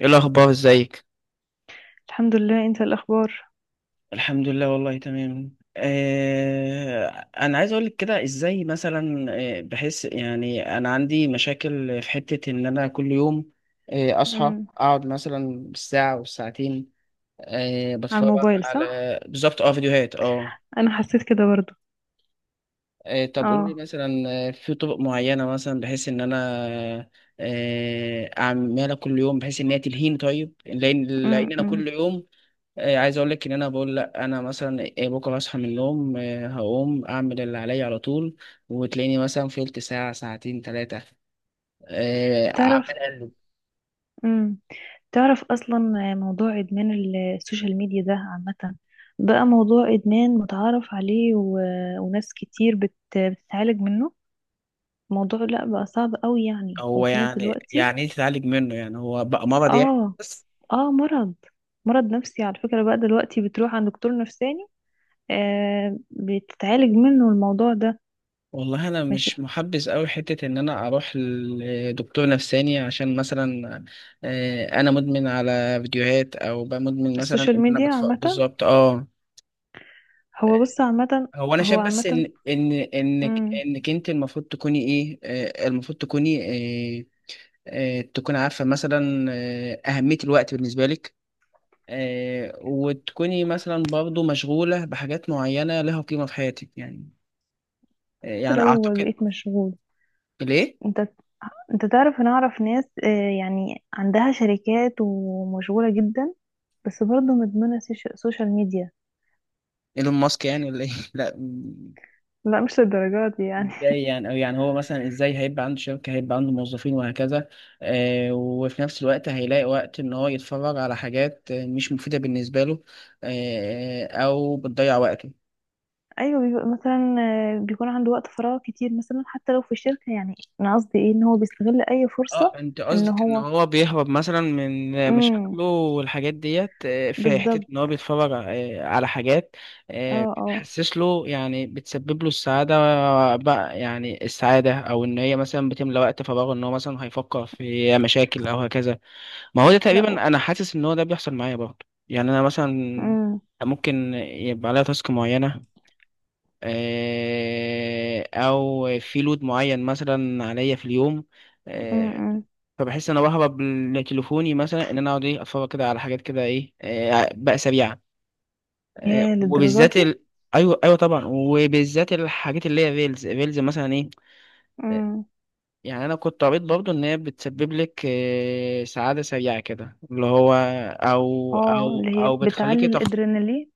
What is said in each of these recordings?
ايه الاخبار؟ ازيك؟ الحمد لله، انت الاخبار؟ الحمد لله، والله تمام. انا عايز اقول لك كده ازاي مثلا. بحس يعني انا عندي مشاكل في حتة ان انا كل يوم، اصحى امم. اقعد مثلا بالساعة والساعتين، على بتفرج الموبايل، صح؟ على بالظبط فيديوهات اه انا حسيت كده برضو. طب قولي اه. لي مثلا، في طرق معينة مثلا بحيث ان انا اعملها كل يوم بحيث ان هي تلهيني، طيب لان انا امم. كل يوم، عايز اقول لك ان انا بقول لا انا مثلا، بكره هصحى من النوم، هقوم اعمل اللي عليا على طول، وتلاقيني مثلا فلت ساعه ساعتين ثلاثه اعمل تعرف؟ قلب. امم. تعرف اصلا؟ موضوع ادمان السوشيال ميديا ده عامه، بقى موضوع ادمان متعارف عليه، و... وناس كتير بتتعالج منه. موضوع لا بقى صعب قوي يعني، هو وفي ناس يعني دلوقتي. يعني ايه تتعالج منه؟ يعني هو بقى مرض يعني؟ اه. بس اه، مرض. مرض نفسي على فكره، بقى دلوقتي بتروح عند دكتور نفساني. آه، بتتعالج منه الموضوع ده. والله انا مش. مش محبذ قوي حته ان انا اروح لدكتور نفساني عشان مثلا، انا مدمن على فيديوهات او بقى مدمن مثلا السوشيال ان انا ميديا بتفرج عامة. بالظبط اه هو بص، عامة. هو انا هو شايف بس عامة. ان انك مم. انك انت المفروض تكوني ايه، المفروض تكوني آه، تكون عارفه مثلا اهميه الوقت بالنسبه لك، وتكوني مثلا برضو مشغوله بحاجات معينه لها قيمه في حياتك يعني. حتى يعني لو اعتقد. بقيت مشغول. ليه؟ انت. انت تعرف، انا اعرف ناس يعني عندها شركات ومشغولة جدا، بس برضه مدمنة سوشيال ميديا. ايلون ماسك يعني ولا ايه؟ لا. لا، مش للدرجات دي يعني. ازاي يعني؟ او يعني هو مثلا ازاي هيبقى عنده شركة، هيبقى عنده موظفين وهكذا. وفي نفس الوقت هيلاقي وقت ان هو يتفرج على حاجات مش مفيدة بالنسبة له، او بتضيع وقته. ايوه، بيبقى مثلا بيكون عنده وقت فراغ كتير مثلا، حتى لو في الشركة يعني. انا قصدي ايه، ان هو بيستغل اي فرصة، اه انت ان قصدك ان هو. هو بيهرب مثلا من امم. مشاكله والحاجات ديت، في حتة بالظبط. ان هو بيتفرج على حاجات اه، اه. بتحسس له، يعني بتسبب له السعادة. بقى يعني السعادة، او ان هي مثلا بتملى وقت فراغه ان هو مثلا هيفكر في مشاكل او هكذا. ما هو ده لا. تقريبا انا حاسس ان هو ده بيحصل معايا برضه. يعني انا مثلا امم. ممكن يبقى عليا تاسك معينه، او في لود معين مثلا عليا في اليوم. آه، امم. فبحس ان انا بهرب لتليفوني مثلا ان انا اقعد ايه اتفرج كده على حاجات كده ايه، بقى سريعه، يا للدرجات. وبالذات ال... ايوه ايوه طبعا، وبالذات الحاجات اللي هي ريلز ريلز مثلا ايه. دي يعني انا كنت قريت برضه ان هي بتسبب لك سعاده سريعه كده، اللي هو او او اه، اللي هي او بتعلي بتخليكي تفكر. الادرينالين.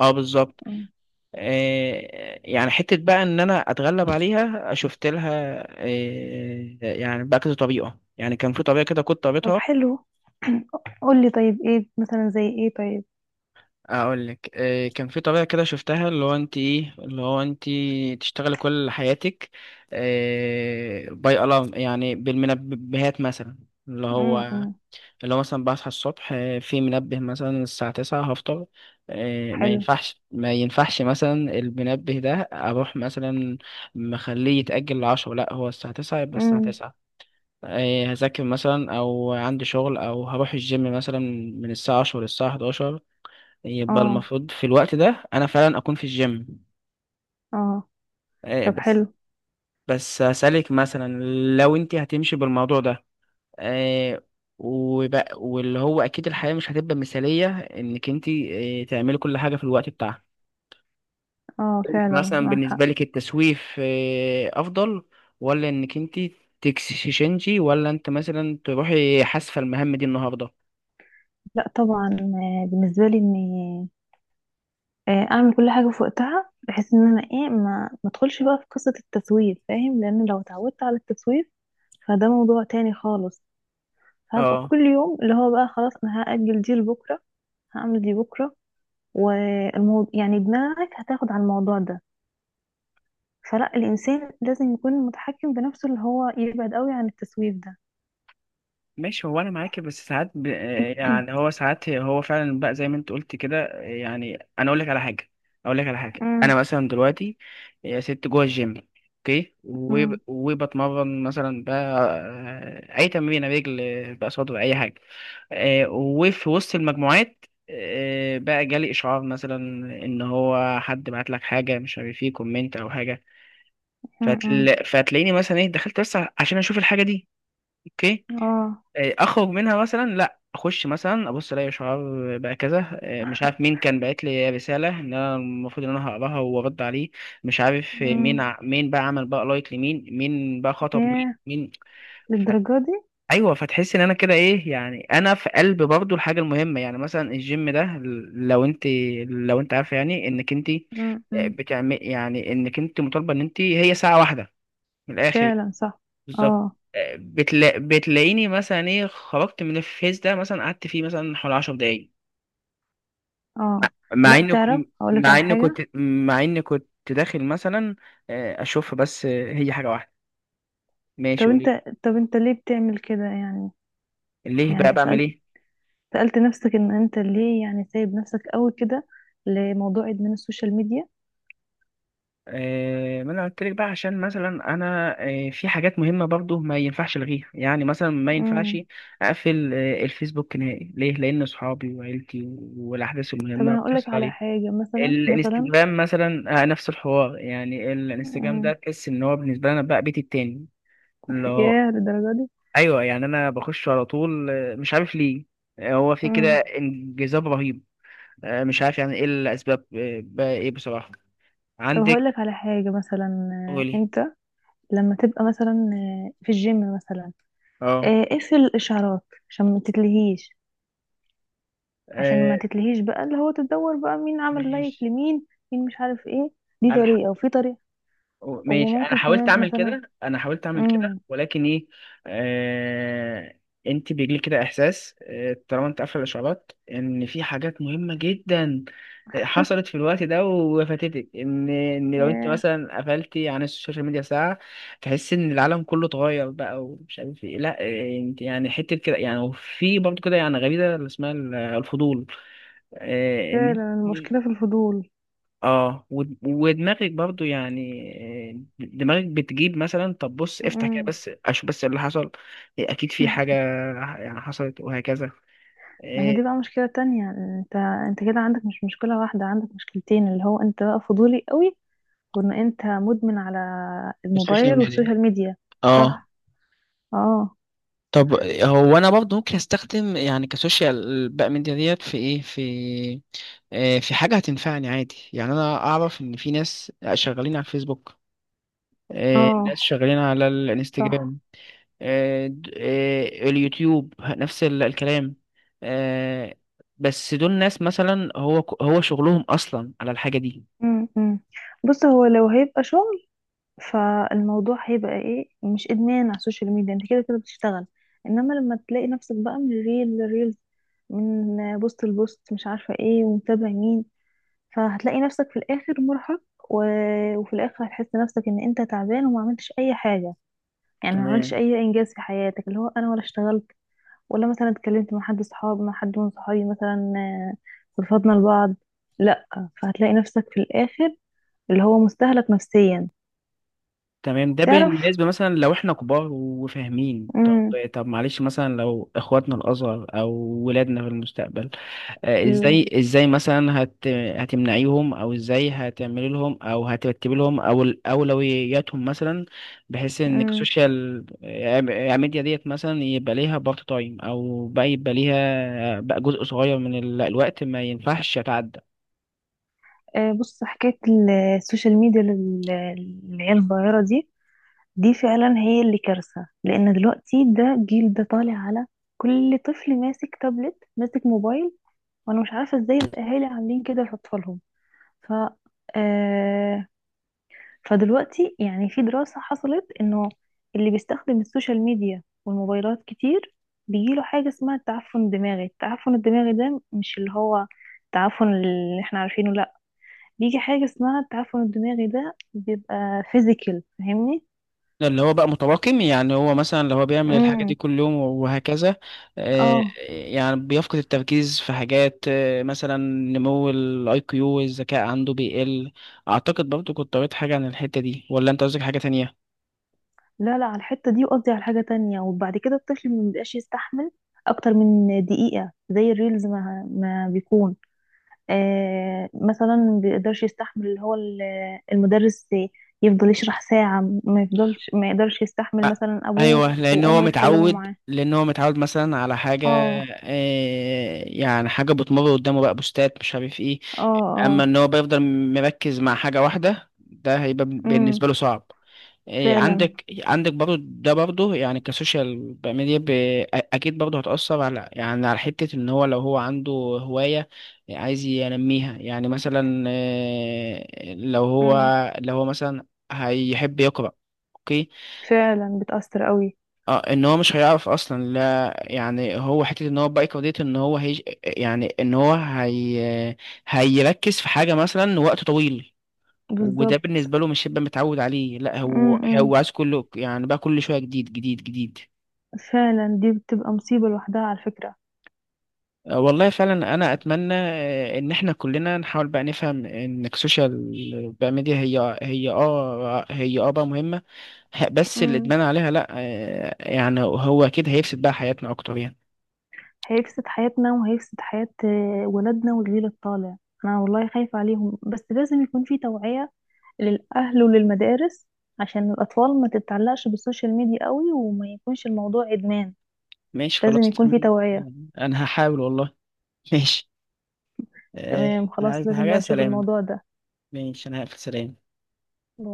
اه بالظبط. مم. يعني حته بقى ان انا اتغلب عليها شفت لها، يعني بقى كذا طريقه، يعني كان في طريقه كده كنت طب قريتها. حلو. قولي طيب، ايه مثلا، زي ايه؟ طيب. اقول لك، كان في طريقه كده شفتها، اللي هو انت ايه اللي هو انت تشتغلي كل حياتك باي الارم، يعني بالمنبهات مثلا، اللي امم. هو أمم. اللي هو مثلا بصحى الصبح، في منبه مثلا الساعة 9 هفطر، ما حلو. ينفعش ما ينفعش مثلا المنبه ده أروح مثلا مخليه يتأجل لعشرة، لأ، هو الساعة تسعة يبقى الساعة امم. تسعة. هذاكر مثلا أو عندي شغل أو هروح الجيم مثلا من الساعة 10 للساعة 11، يبقى اه. المفروض في الوقت ده أنا فعلا أكون في الجيم. اه. طب بس حلو. بس أسألك مثلا، لو أنت هتمشي بالموضوع ده، آه وبقى، واللي هو اكيد الحياه مش هتبقى مثاليه انك انت تعملي كل حاجه في الوقت بتاعها. اه، انت فعلا مثلا معاك بالنسبه حق. لك التسويف افضل، ولا انك انت تكسشنجي، ولا انت مثلا تروحي حاسفه المهام دي النهارده؟ لا طبعا، بالنسبه لي اني اعمل كل حاجه في وقتها، بحيث ان انا ايه ما ادخلش بقى في قصه التسويف، فاهم؟ لان لو اتعودت على التسويف، فده موضوع تاني خالص. فهبقى اه. كل يوم اللي هو بقى خلاص انا هاجل دي لبكره، هعمل دي بكره، والموضوع يعني دماغك هتاخد على الموضوع ده. فلا، الإنسان لازم يكون متحكم بنفسه، اللي هو يبعد قوي عن التسويف ده. ماشي، هو انا معاكي، بس ساعات يعني هو ساعات هو فعلا بقى زي ما انت قلت كده، يعني انا اقول لك على حاجه. اقول لك على حاجه أمم. انا مثلا دلوقتي يا ست جوه الجيم اوكي، أمم. وبتمرن مثلا بقى، اي تمرين رجل بقى صدر، اي حاجه، وفي وسط المجموعات، بقى جالي اشعار مثلا، ان هو حد بعت لك حاجه مش عارف ايه كومنت او حاجه، أمم. فتلاقيني مثلا ايه دخلت بس عشان اشوف الحاجه دي. اوكي. اه. اخرج منها مثلا، لا اخش مثلا ابص الاقي شعار بقى كذا، مش عارف مين كان بعت لي رساله ان انا المفروض ان انا هقراها وارد عليه، مش عارف أمم. مين بقى عمل بقى لايك لمين، مين بقى خطب مين ياه، مين. فت... للدرجة دي. ايوه فتحس ان انا كده ايه، يعني انا في قلب برضو الحاجه المهمه، يعني مثلا الجيم ده، لو انت لو انت عارفه يعني انك انت أمم. أمم. بتعمل يعني انك انت مطالبه ان انت هي ساعه واحده من الاخر. فعلا صح. بالظبط. اه. بتلاقيني مثلا ايه خرجت من الفيس ده مثلا قعدت فيه مثلا حوالي 10 دقايق اه. مع لا، انه تعرف هقولك مع على اني حاجة. كنت مع اني كنت داخل مثلا، اشوف بس، هي حاجه واحده. طب ماشي، قولي. انت. طب انت ليه بتعمل كده يعني؟ ليه بقى يعني بعمل سألت. ايه؟ سألت نفسك ان انت ليه يعني سايب نفسك قوي كده لموضوع ادمان السوشيال ميديا؟ ما انا قلت لك بقى عشان مثلا، انا في حاجات مهمه برضو ما ينفعش الغيها، يعني مثلا ما ينفعش امم. اقفل الفيسبوك نهائي، ليه؟ لان اصحابي وعيلتي والاحداث طب المهمه انا بتحصل هقولك على عليه. حاجة مثلا مثلا. الانستجرام مثلا، نفس الحوار، يعني الانستجرام مم. ده تحس ان هو بالنسبه لنا بقى بيتي التاني اللي هو، ياه، للدرجة دي. ايوه يعني انا بخش على طول، مش عارف ليه. هو في كده مم. انجذاب رهيب. مش عارف يعني ايه الاسباب، بقى ايه بصراحه طب هقول عندك؟ لك على حاجة مثلا. قولي. انت لما تبقى مثلا في الجيم مثلا، اه، اقفل الاشعارات عشان ما تتلهيش. عشان آه، ما تتلهيش بقى، اللي هو تدور بقى مين عمل لايك ماشي لمين، مين مش عارف ايه. دي انا طريقة، وفي طريقة. ماشي انا وممكن حاولت كمان اعمل مثلا. كده انا حاولت اعمل كده امم. ولكن ايه. آه... انت بيجيلك كده احساس، طالما انت قافله الاشعارات ان في حاجات مهمه جدا حصلت في الوقت ده وفاتتك ان لو انت ياه. مثلا قفلتي عن السوشيال ميديا ساعه، تحس ان العالم كله اتغير بقى ومش عارف ايه، لا، انت يعني حته كده، يعني وفي برضه كده يعني غريزه اللي اسمها الفضول. آه، ان فعلا، المشكلة في الفضول. اه ودماغك برضو يعني، دماغك بتجيب مثلا طب بص افتح كده مم. بس اشوف بس اللي حصل. اكيد في حاجة يعني حصلت وهكذا. ما هي دي إيه، بقى مشكلة تانية. انت. انت كده عندك مش مشكلة واحدة، عندك مشكلتين، اللي هو انت بقى فضولي قوي، وان انت مدمن على السوشيال الموبايل ميديا. والسوشيال ميديا. اه صح. اه. طب هو انا برضه ممكن استخدم يعني كسوشيال بقى ميديا ديت في ايه في، في حاجه هتنفعني عادي، يعني انا اعرف ان في ناس شغالين على الفيسبوك، ناس اه. شغالين على صح. الانستجرام، آه، د- آه، اليوتيوب نفس الكلام، آه، بس دول ناس مثلا هو شغلهم اصلا على الحاجه دي. امم. أمم. بص، هو لو هيبقى شغل، فالموضوع هيبقى ايه، مش ادمان على السوشيال ميديا، انت كده بتشتغل. انما لما تلاقي نفسك بقى من ريل لريل، من بوست لبوست، مش عارفة ايه ومتابع مين، فهتلاقي نفسك في الاخر مرهق، و... وفي الاخر هتحس نفسك ان انت تعبان وما عملتش اي حاجة. يعني ما عملتش تمام. اي انجاز في حياتك، اللي هو انا ولا اشتغلت، ولا مثلا اتكلمت مع حد صحاب، مع حد من صحابي مثلا رفضنا لبعض. لا. فهتلاقي نفسك في الاخر اللي هو مستهلك نفسيا. تمام ده تعرف. بالنسبه مثلا لو احنا كبار وفاهمين. طب، امم. طب معلش مثلا لو اخواتنا الاصغر او ولادنا في المستقبل، ال-. ازاي مثلا هتمنعيهم او ازاي هتعملي لهم او هترتبي لهم او اولوياتهم مثلا بحيث ان امم. السوشيال ميديا ديت مثلا يبقى ليها بارت تايم او بقى يبقى ليها بقى جزء صغير من الوقت ما ينفعش يتعدى. آه، بص، حكايه السوشيال ميديا للعيال الصغيره دي، دي فعلا هي اللي كارثه، لان دلوقتي ده جيل ده طالع على كل طفل ماسك تابلت، ماسك موبايل، وانا مش عارفه ازاي الاهالي عاملين كده لاطفالهم. ف. آه، فدلوقتي يعني في دراسة حصلت انه اللي بيستخدم السوشيال ميديا والموبايلات كتير، بيجيله حاجة اسمها التعفن الدماغي. التعفن الدماغي ده مش اللي هو التعفن اللي احنا عارفينه، لا، بيجي حاجة اسمها التعفن الدماغي، ده بيبقى فيزيكال، فاهمني؟ ده اللي هو بقى متراكم، يعني هو مثلا لو هو بيعمل الحاجة دي امم. كل يوم وهكذا. آه، اه. يعني بيفقد التركيز في حاجات مثلا نمو الاي كيو، الذكاء عنده بيقل. اعتقد برضو كنت قريت حاجة عن الحتة دي، ولا انت قصدك حاجة تانية؟ لا لا، على الحتة دي، وقصدي على حاجة تانية، وبعد كده الطفل مبيبقاش يستحمل اكتر من دقيقة زي الريلز، ما بيكون مثلا ما بيقدرش يستحمل اللي هو المدرس يفضل يشرح ساعة، ما يفضلش، ما يقدرش يستحمل آه، مثلا أبوه ايوه لان هو وأمه يتكلموا متعود معاه. لان هو متعود مثلا على حاجة، اه. يعني حاجة بتمر قدامه بقى، بوستات مش عارف ايه، اه. اما اه. ان هو بيفضل مركز مع حاجة واحدة ده هيبقى امم. بالنسبة له صعب. فعلا. عندك برضو ده برضو، يعني كسوشيال ميديا اكيد برضو هتأثر على، يعني على حتة ان هو لو هو عنده هواية عايز ينميها، يعني مثلا لو هو امم. لو هو مثلا هيحب يقرأ. اوكي. فعلا بتأثر قوي. اه ان هو مش هيعرف اصلا، لا يعني هو حته ان هو بقى ديت ان هو هي يعني ان هو هي هيركز في حاجه مثلا وقت طويل، وده بالظبط. بالنسبة له مش هيبقى متعود عليه، لا هو امم. هو عايز كله، يعني بقى كل شوية جديد جديد جديد. فعلا دي بتبقى مصيبة لوحدها على فكرة. والله فعلا انا اتمنى ان احنا كلنا نحاول بقى نفهم ان السوشيال بقى ميديا هي هي هي بقى مهمة. بس امم. الادمان عليها لا، يعني هو اكيد هيفسد بقى حياتنا اكتر يعني. هيفسد حياتنا، وهيفسد حياة ولادنا والجيل الطالع. أنا والله خايفة عليهم، بس لازم يكون في توعية للأهل وللمدارس، عشان الأطفال ما تتعلقش بالسوشيال ميديا قوي، وما يكونش الموضوع إدمان. ماشي، لازم خلاص، يكون في توعية. تمام. انا هحاول والله. ماشي. آه، تمام، انا خلاص، عايز لازم حاجة. بقى نشوف سلام. الموضوع ماشي، انا هقفل. سلام. ده.